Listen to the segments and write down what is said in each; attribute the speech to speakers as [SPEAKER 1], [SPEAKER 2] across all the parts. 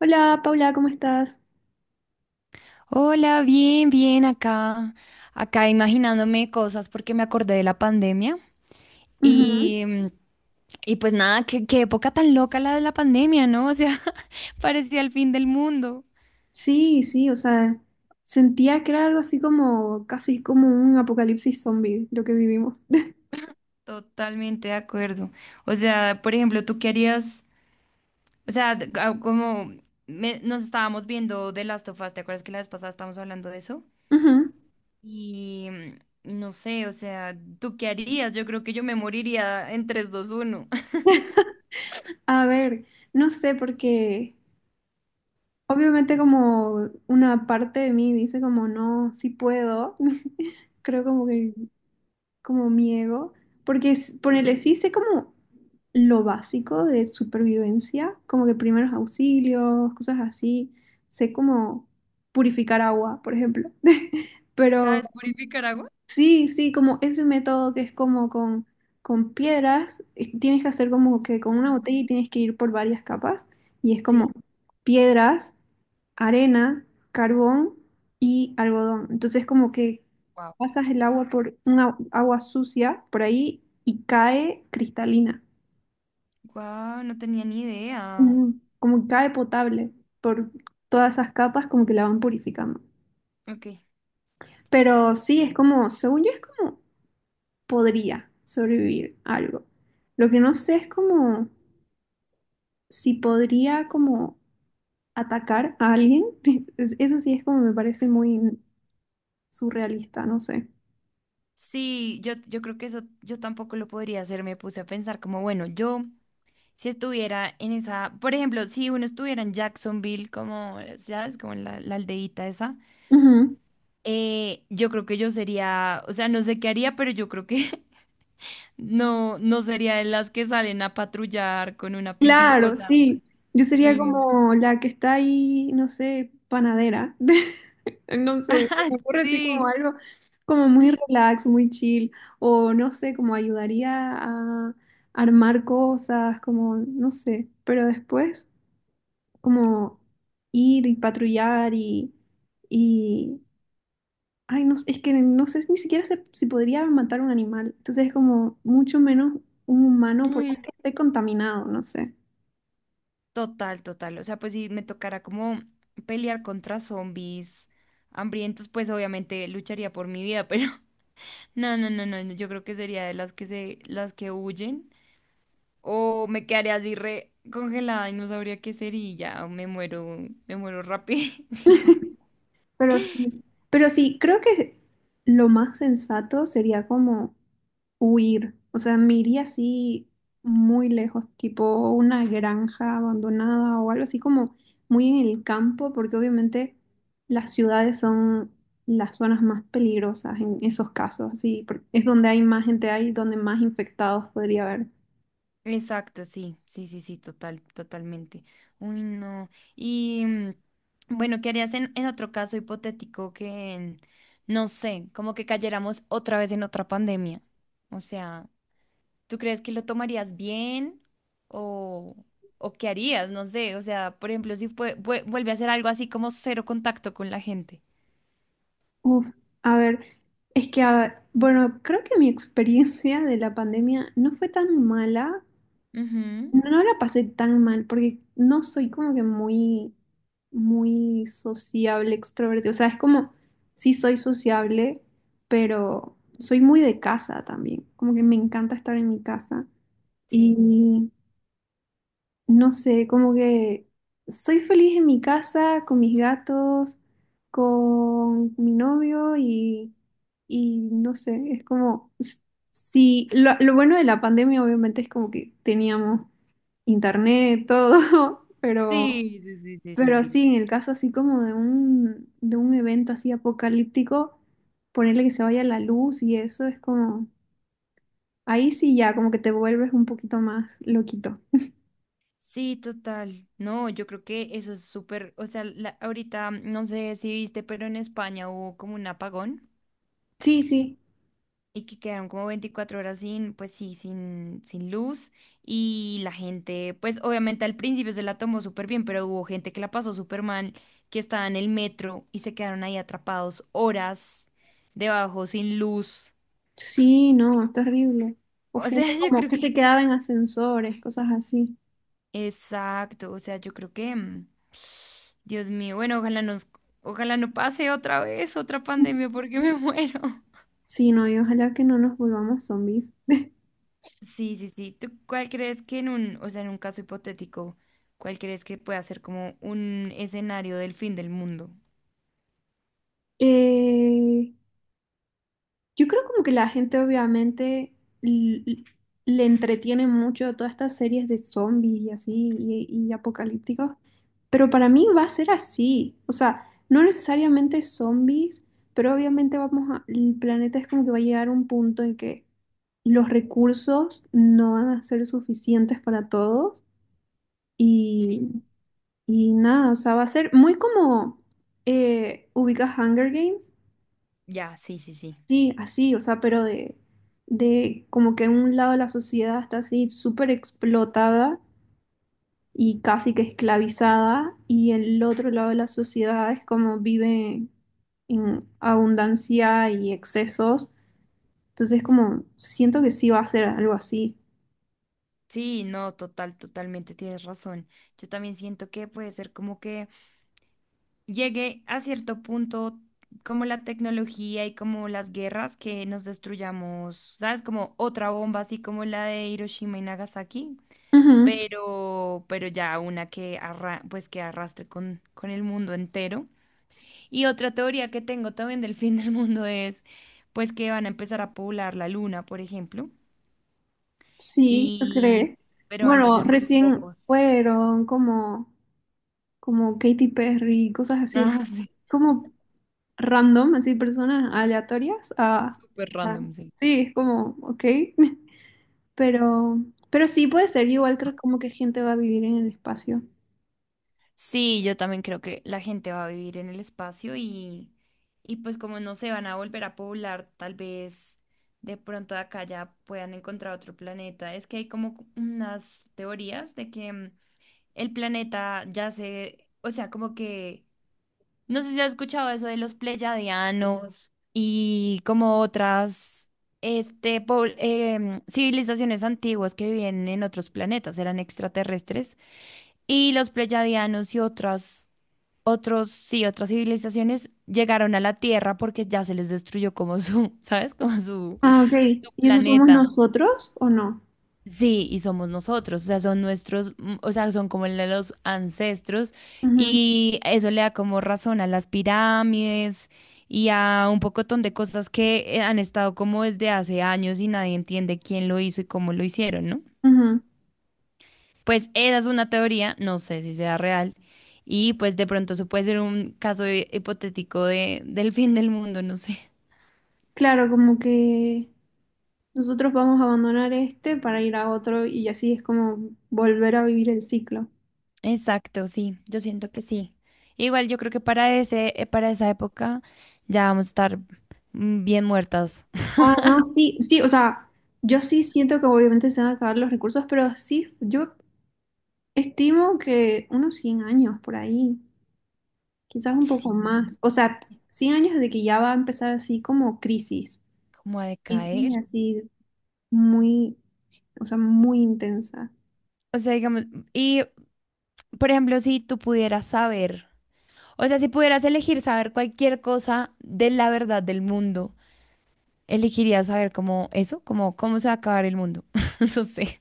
[SPEAKER 1] Hola, Paula, ¿cómo estás?
[SPEAKER 2] Hola, bien, bien, acá, acá imaginándome cosas porque me acordé de la pandemia
[SPEAKER 1] Ujú.
[SPEAKER 2] y, y pues nada, qué época tan loca la de la pandemia, ¿no? O sea, parecía el fin del mundo.
[SPEAKER 1] Sí, sí, o sea, sentía que era algo así como, casi como un apocalipsis zombie lo que vivimos.
[SPEAKER 2] Totalmente de acuerdo. O sea, por ejemplo, ¿tú qué harías? O sea, como nos estábamos viendo de Last of Us, ¿te acuerdas que la vez pasada estábamos hablando de eso?
[SPEAKER 1] Ujú.
[SPEAKER 2] Y y no sé, o sea, ¿tú qué harías? Yo creo que yo me moriría en tres, dos, uno.
[SPEAKER 1] A ver, no sé, porque obviamente como una parte de mí dice como, no, sí puedo. Creo como que como mi ego, porque ponele, sí sé como lo básico de supervivencia, como que primeros auxilios, cosas así, sé como purificar agua, por ejemplo. Pero
[SPEAKER 2] ¿Sabes purificar agua?
[SPEAKER 1] sí, sí, como ese método que es como con piedras, tienes que hacer como que con una botella y tienes que ir por varias capas, y es como
[SPEAKER 2] Sí.
[SPEAKER 1] piedras, arena, carbón y algodón. Entonces como que
[SPEAKER 2] Wow.
[SPEAKER 1] pasas el agua por una agua sucia por ahí y cae cristalina.
[SPEAKER 2] Wow, no tenía ni idea.
[SPEAKER 1] Ujú. Como que cae potable por todas esas capas como que la van purificando.
[SPEAKER 2] Ok.
[SPEAKER 1] Pero sí, es como, según yo es como podría sobrevivir algo. Lo que no sé es como si podría como atacar a alguien. Eso sí es como me parece muy surrealista, no sé.
[SPEAKER 2] Sí, yo creo que eso yo tampoco lo podría hacer. Me puse a pensar como, bueno, yo si estuviera en esa, por ejemplo, si uno estuviera en Jacksonville, como, ¿sabes? Como en la aldeíta esa,
[SPEAKER 1] Ujú.
[SPEAKER 2] yo creo que yo sería, o sea, no sé qué haría, pero yo creo que no sería de las que salen a patrullar con una pistola, o
[SPEAKER 1] Claro,
[SPEAKER 2] sea,
[SPEAKER 1] sí. Yo sería
[SPEAKER 2] sin...
[SPEAKER 1] como la que está ahí, no sé, panadera. No sé, se me ocurre así como
[SPEAKER 2] Sí.
[SPEAKER 1] algo como muy relax, muy chill. O no sé, como ayudaría a armar cosas, como, no sé. Pero después, como ir y patrullar y... Ay, no sé, es que no sé ni siquiera si podría matar un animal. Entonces es como mucho menos un humano, por más que
[SPEAKER 2] Uy.
[SPEAKER 1] esté contaminado, no sé.
[SPEAKER 2] Total, total. O sea, pues si me tocara como pelear contra zombies hambrientos, pues obviamente lucharía por mi vida, pero no, no, no, no. no, yo creo que sería de las que se, las que huyen. O me quedaría así re congelada y no sabría qué ser y ya me muero rápido.
[SPEAKER 1] Pero sí, pero sí, creo que lo más sensato sería como huir. O sea, me iría así muy lejos, tipo una granja abandonada o algo así como muy en el campo, porque obviamente las ciudades son las zonas más peligrosas en esos casos, así, es donde hay más gente, hay donde más infectados podría haber.
[SPEAKER 2] Exacto, sí, sí, sí, sí, total, totalmente. Uy, no. Y bueno, ¿qué harías en otro caso hipotético que, no sé, como que cayéramos otra vez en otra pandemia? O sea, ¿tú crees que lo tomarías bien o, o qué harías? No sé, o sea, por ejemplo, si vuelve a hacer algo así como cero contacto con la gente.
[SPEAKER 1] Uf, a ver, es que, bueno, creo que mi experiencia de la pandemia no fue tan mala.
[SPEAKER 2] Ujú.
[SPEAKER 1] No la pasé tan mal porque no soy como que muy, muy sociable, extrovertido. O sea, es como, sí soy sociable, pero soy muy de casa también. Como que me encanta estar en mi casa.
[SPEAKER 2] Sí.
[SPEAKER 1] Y no sé, como que soy feliz en mi casa, con mis gatos, con mi novio y no sé, es como, sí, lo bueno de la pandemia obviamente es como que teníamos internet, todo, pero,
[SPEAKER 2] Sí, sí, sí, sí,
[SPEAKER 1] pero
[SPEAKER 2] sí.
[SPEAKER 1] ujú, sí, en el caso así como de un evento así apocalíptico, ponerle que se vaya la luz y eso es como, ahí sí ya, como que te vuelves un poquito más loquito.
[SPEAKER 2] Sí, total. No, yo creo que eso es súper, o sea, la- ahorita no sé si viste, pero en España hubo como un apagón
[SPEAKER 1] Sí, sí,
[SPEAKER 2] y que quedaron como 24 horas sin, pues sí, sin, sin luz y la gente, pues obviamente al principio se la tomó súper bien, pero hubo gente que la pasó súper mal, que estaba en el metro y se quedaron ahí atrapados horas debajo sin luz.
[SPEAKER 1] sí, no, es terrible. O
[SPEAKER 2] O sea,
[SPEAKER 1] gente
[SPEAKER 2] yo
[SPEAKER 1] como
[SPEAKER 2] creo
[SPEAKER 1] que
[SPEAKER 2] que...
[SPEAKER 1] se quedaba en ascensores, cosas así.
[SPEAKER 2] Exacto, o sea, yo creo que... Dios mío, bueno, ojalá nos, ojalá no pase otra vez otra pandemia porque me muero.
[SPEAKER 1] Sí, no, y ojalá que no nos volvamos zombies.
[SPEAKER 2] Sí, sí, sí. ¿Tú cuál crees que en un, o sea, en un caso hipotético, cuál crees que pueda ser como un escenario del fin del mundo?
[SPEAKER 1] Eh, Yo creo como que la gente obviamente l- l- le entretiene mucho todas estas series de zombies y así y apocalípticos, pero para mí va a ser así, o sea, no necesariamente zombies, pero obviamente vamos a, el planeta es como que va a llegar a un punto en que los recursos no van a ser suficientes para todos
[SPEAKER 2] Sí.
[SPEAKER 1] y, y nada, o sea, va a ser muy como, ubicas Hunger Games.
[SPEAKER 2] Ya, sí, sí, sí.
[SPEAKER 1] Sí, así, o sea, pero de como que un lado de la sociedad está así súper explotada y casi que esclavizada, y el otro lado de la sociedad es como vive en abundancia y excesos. Entonces, como siento que sí va a ser algo así.
[SPEAKER 2] Sí, no, total, totalmente tienes razón. Yo también siento que puede ser como que llegue a cierto punto como la tecnología y como las guerras que nos destruyamos, ¿sabes? Como otra bomba así como la de Hiroshima y Nagasaki,
[SPEAKER 1] Ujú,
[SPEAKER 2] pero ya una que, arra- pues que arrastre con el mundo entero. Y otra teoría que tengo también del fin del mundo es, pues que van a empezar a poblar la luna, por ejemplo,
[SPEAKER 1] sí, yo creo.
[SPEAKER 2] y, pero van a
[SPEAKER 1] Bueno,
[SPEAKER 2] ser muy
[SPEAKER 1] recién
[SPEAKER 2] pocos.
[SPEAKER 1] fueron como, como Katy Perry, cosas así.
[SPEAKER 2] Ah, sí,
[SPEAKER 1] Como random, así personas aleatorias.
[SPEAKER 2] súper
[SPEAKER 1] A-
[SPEAKER 2] random, sí.
[SPEAKER 1] sí, es como, ok. Pero, pero sí puede ser, yo igual creo como que gente va a vivir en el espacio.
[SPEAKER 2] Sí, yo también creo que la gente va a vivir en el espacio y pues como no se van a volver a poblar, tal vez de pronto de acá ya puedan encontrar otro planeta. Es que hay como unas teorías de que el planeta ya se, o sea, como que, no sé si has escuchado eso de los pleyadianos y como otras, este, civilizaciones antiguas que vivían en otros planetas, eran extraterrestres, y los pleyadianos y otras, otros, sí, otras civilizaciones llegaron a la Tierra porque ya se les destruyó como su, ¿sabes? Como su,
[SPEAKER 1] Ah, ok.
[SPEAKER 2] su
[SPEAKER 1] ¿Y eso somos
[SPEAKER 2] planeta.
[SPEAKER 1] nosotros o no?
[SPEAKER 2] Sí, y somos nosotros, o sea, son nuestros, o sea, son como la- los ancestros
[SPEAKER 1] Ujú,
[SPEAKER 2] y eso le da como razón a las pirámides y a un pocotón de cosas que han estado como desde hace años y nadie entiende quién lo hizo y cómo lo hicieron, ¿no?
[SPEAKER 1] ujú.
[SPEAKER 2] Pues esa es una teoría, no sé si sea real y pues de pronto eso puede ser un caso hipotético de, del fin del mundo, no sé.
[SPEAKER 1] Claro, como que nosotros vamos a abandonar este para ir a otro y así es como volver a vivir el ciclo.
[SPEAKER 2] Exacto, sí, yo siento que sí. Igual yo creo que para ese, para esa época ya vamos a estar bien muertas.
[SPEAKER 1] Ah, no, sí, sí, o sea, yo sí siento que obviamente se van a acabar los recursos, pero sí, yo estimo que unos 100 años por ahí. Quizás un poco
[SPEAKER 2] Sí,
[SPEAKER 1] más. O sea, 100 años de que ya va a empezar así como crisis.
[SPEAKER 2] como a
[SPEAKER 1] Crisis
[SPEAKER 2] decaer.
[SPEAKER 1] así muy, o sea, muy intensa.
[SPEAKER 2] O sea, digamos, y por ejemplo, si tú pudieras saber, o sea, si pudieras elegir saber cualquier cosa de la verdad del mundo, elegirías saber como eso, como cómo se va a acabar el mundo. No sé.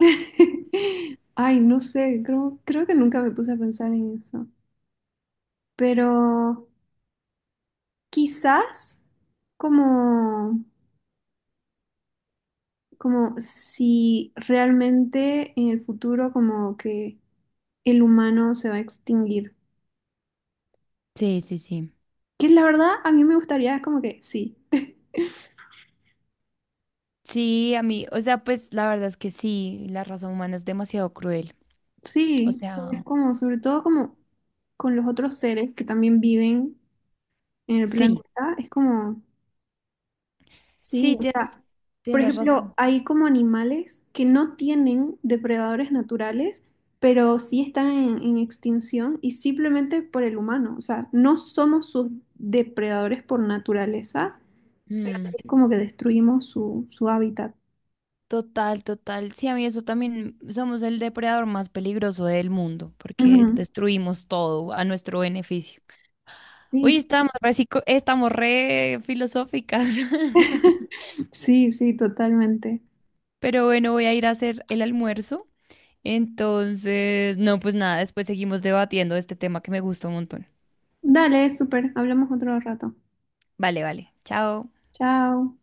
[SPEAKER 1] Ay, no sé, creo, creo que nunca me puse a pensar en eso. Pero quizás como, como si realmente en el futuro como que el humano se va a extinguir.
[SPEAKER 2] Sí, sí, sí.
[SPEAKER 1] Que la verdad a mí me gustaría como que sí.
[SPEAKER 2] Sí, a mí, o sea, pues la verdad es que sí, la raza humana es demasiado cruel. O
[SPEAKER 1] Sí,
[SPEAKER 2] sea,
[SPEAKER 1] es como, sobre todo como con los otros seres que también viven en el
[SPEAKER 2] sí.
[SPEAKER 1] planeta, es como, sí,
[SPEAKER 2] Sí,
[SPEAKER 1] o
[SPEAKER 2] tienes,
[SPEAKER 1] sea, por
[SPEAKER 2] tienes
[SPEAKER 1] ejemplo,
[SPEAKER 2] razón.
[SPEAKER 1] hay como animales que no tienen depredadores naturales, pero sí están en extinción y simplemente por el humano, o sea, no somos sus depredadores por naturaleza, pero sí
[SPEAKER 2] Mm,
[SPEAKER 1] es como que destruimos su, su hábitat.
[SPEAKER 2] total, total. Sí, a mí eso también somos el depredador más peligroso del mundo porque
[SPEAKER 1] Ujú.
[SPEAKER 2] destruimos todo a nuestro beneficio.
[SPEAKER 1] Sí,
[SPEAKER 2] Hoy
[SPEAKER 1] sí,
[SPEAKER 2] estamos re, estamos re filosóficas.
[SPEAKER 1] sí, sí, totalmente.
[SPEAKER 2] Pero bueno, voy a ir a hacer el almuerzo. Entonces, no, pues nada, después seguimos debatiendo este tema que me gusta un montón.
[SPEAKER 1] Dale, súper, hablamos otro rato.
[SPEAKER 2] Vale, vale. Chao.
[SPEAKER 1] Chao.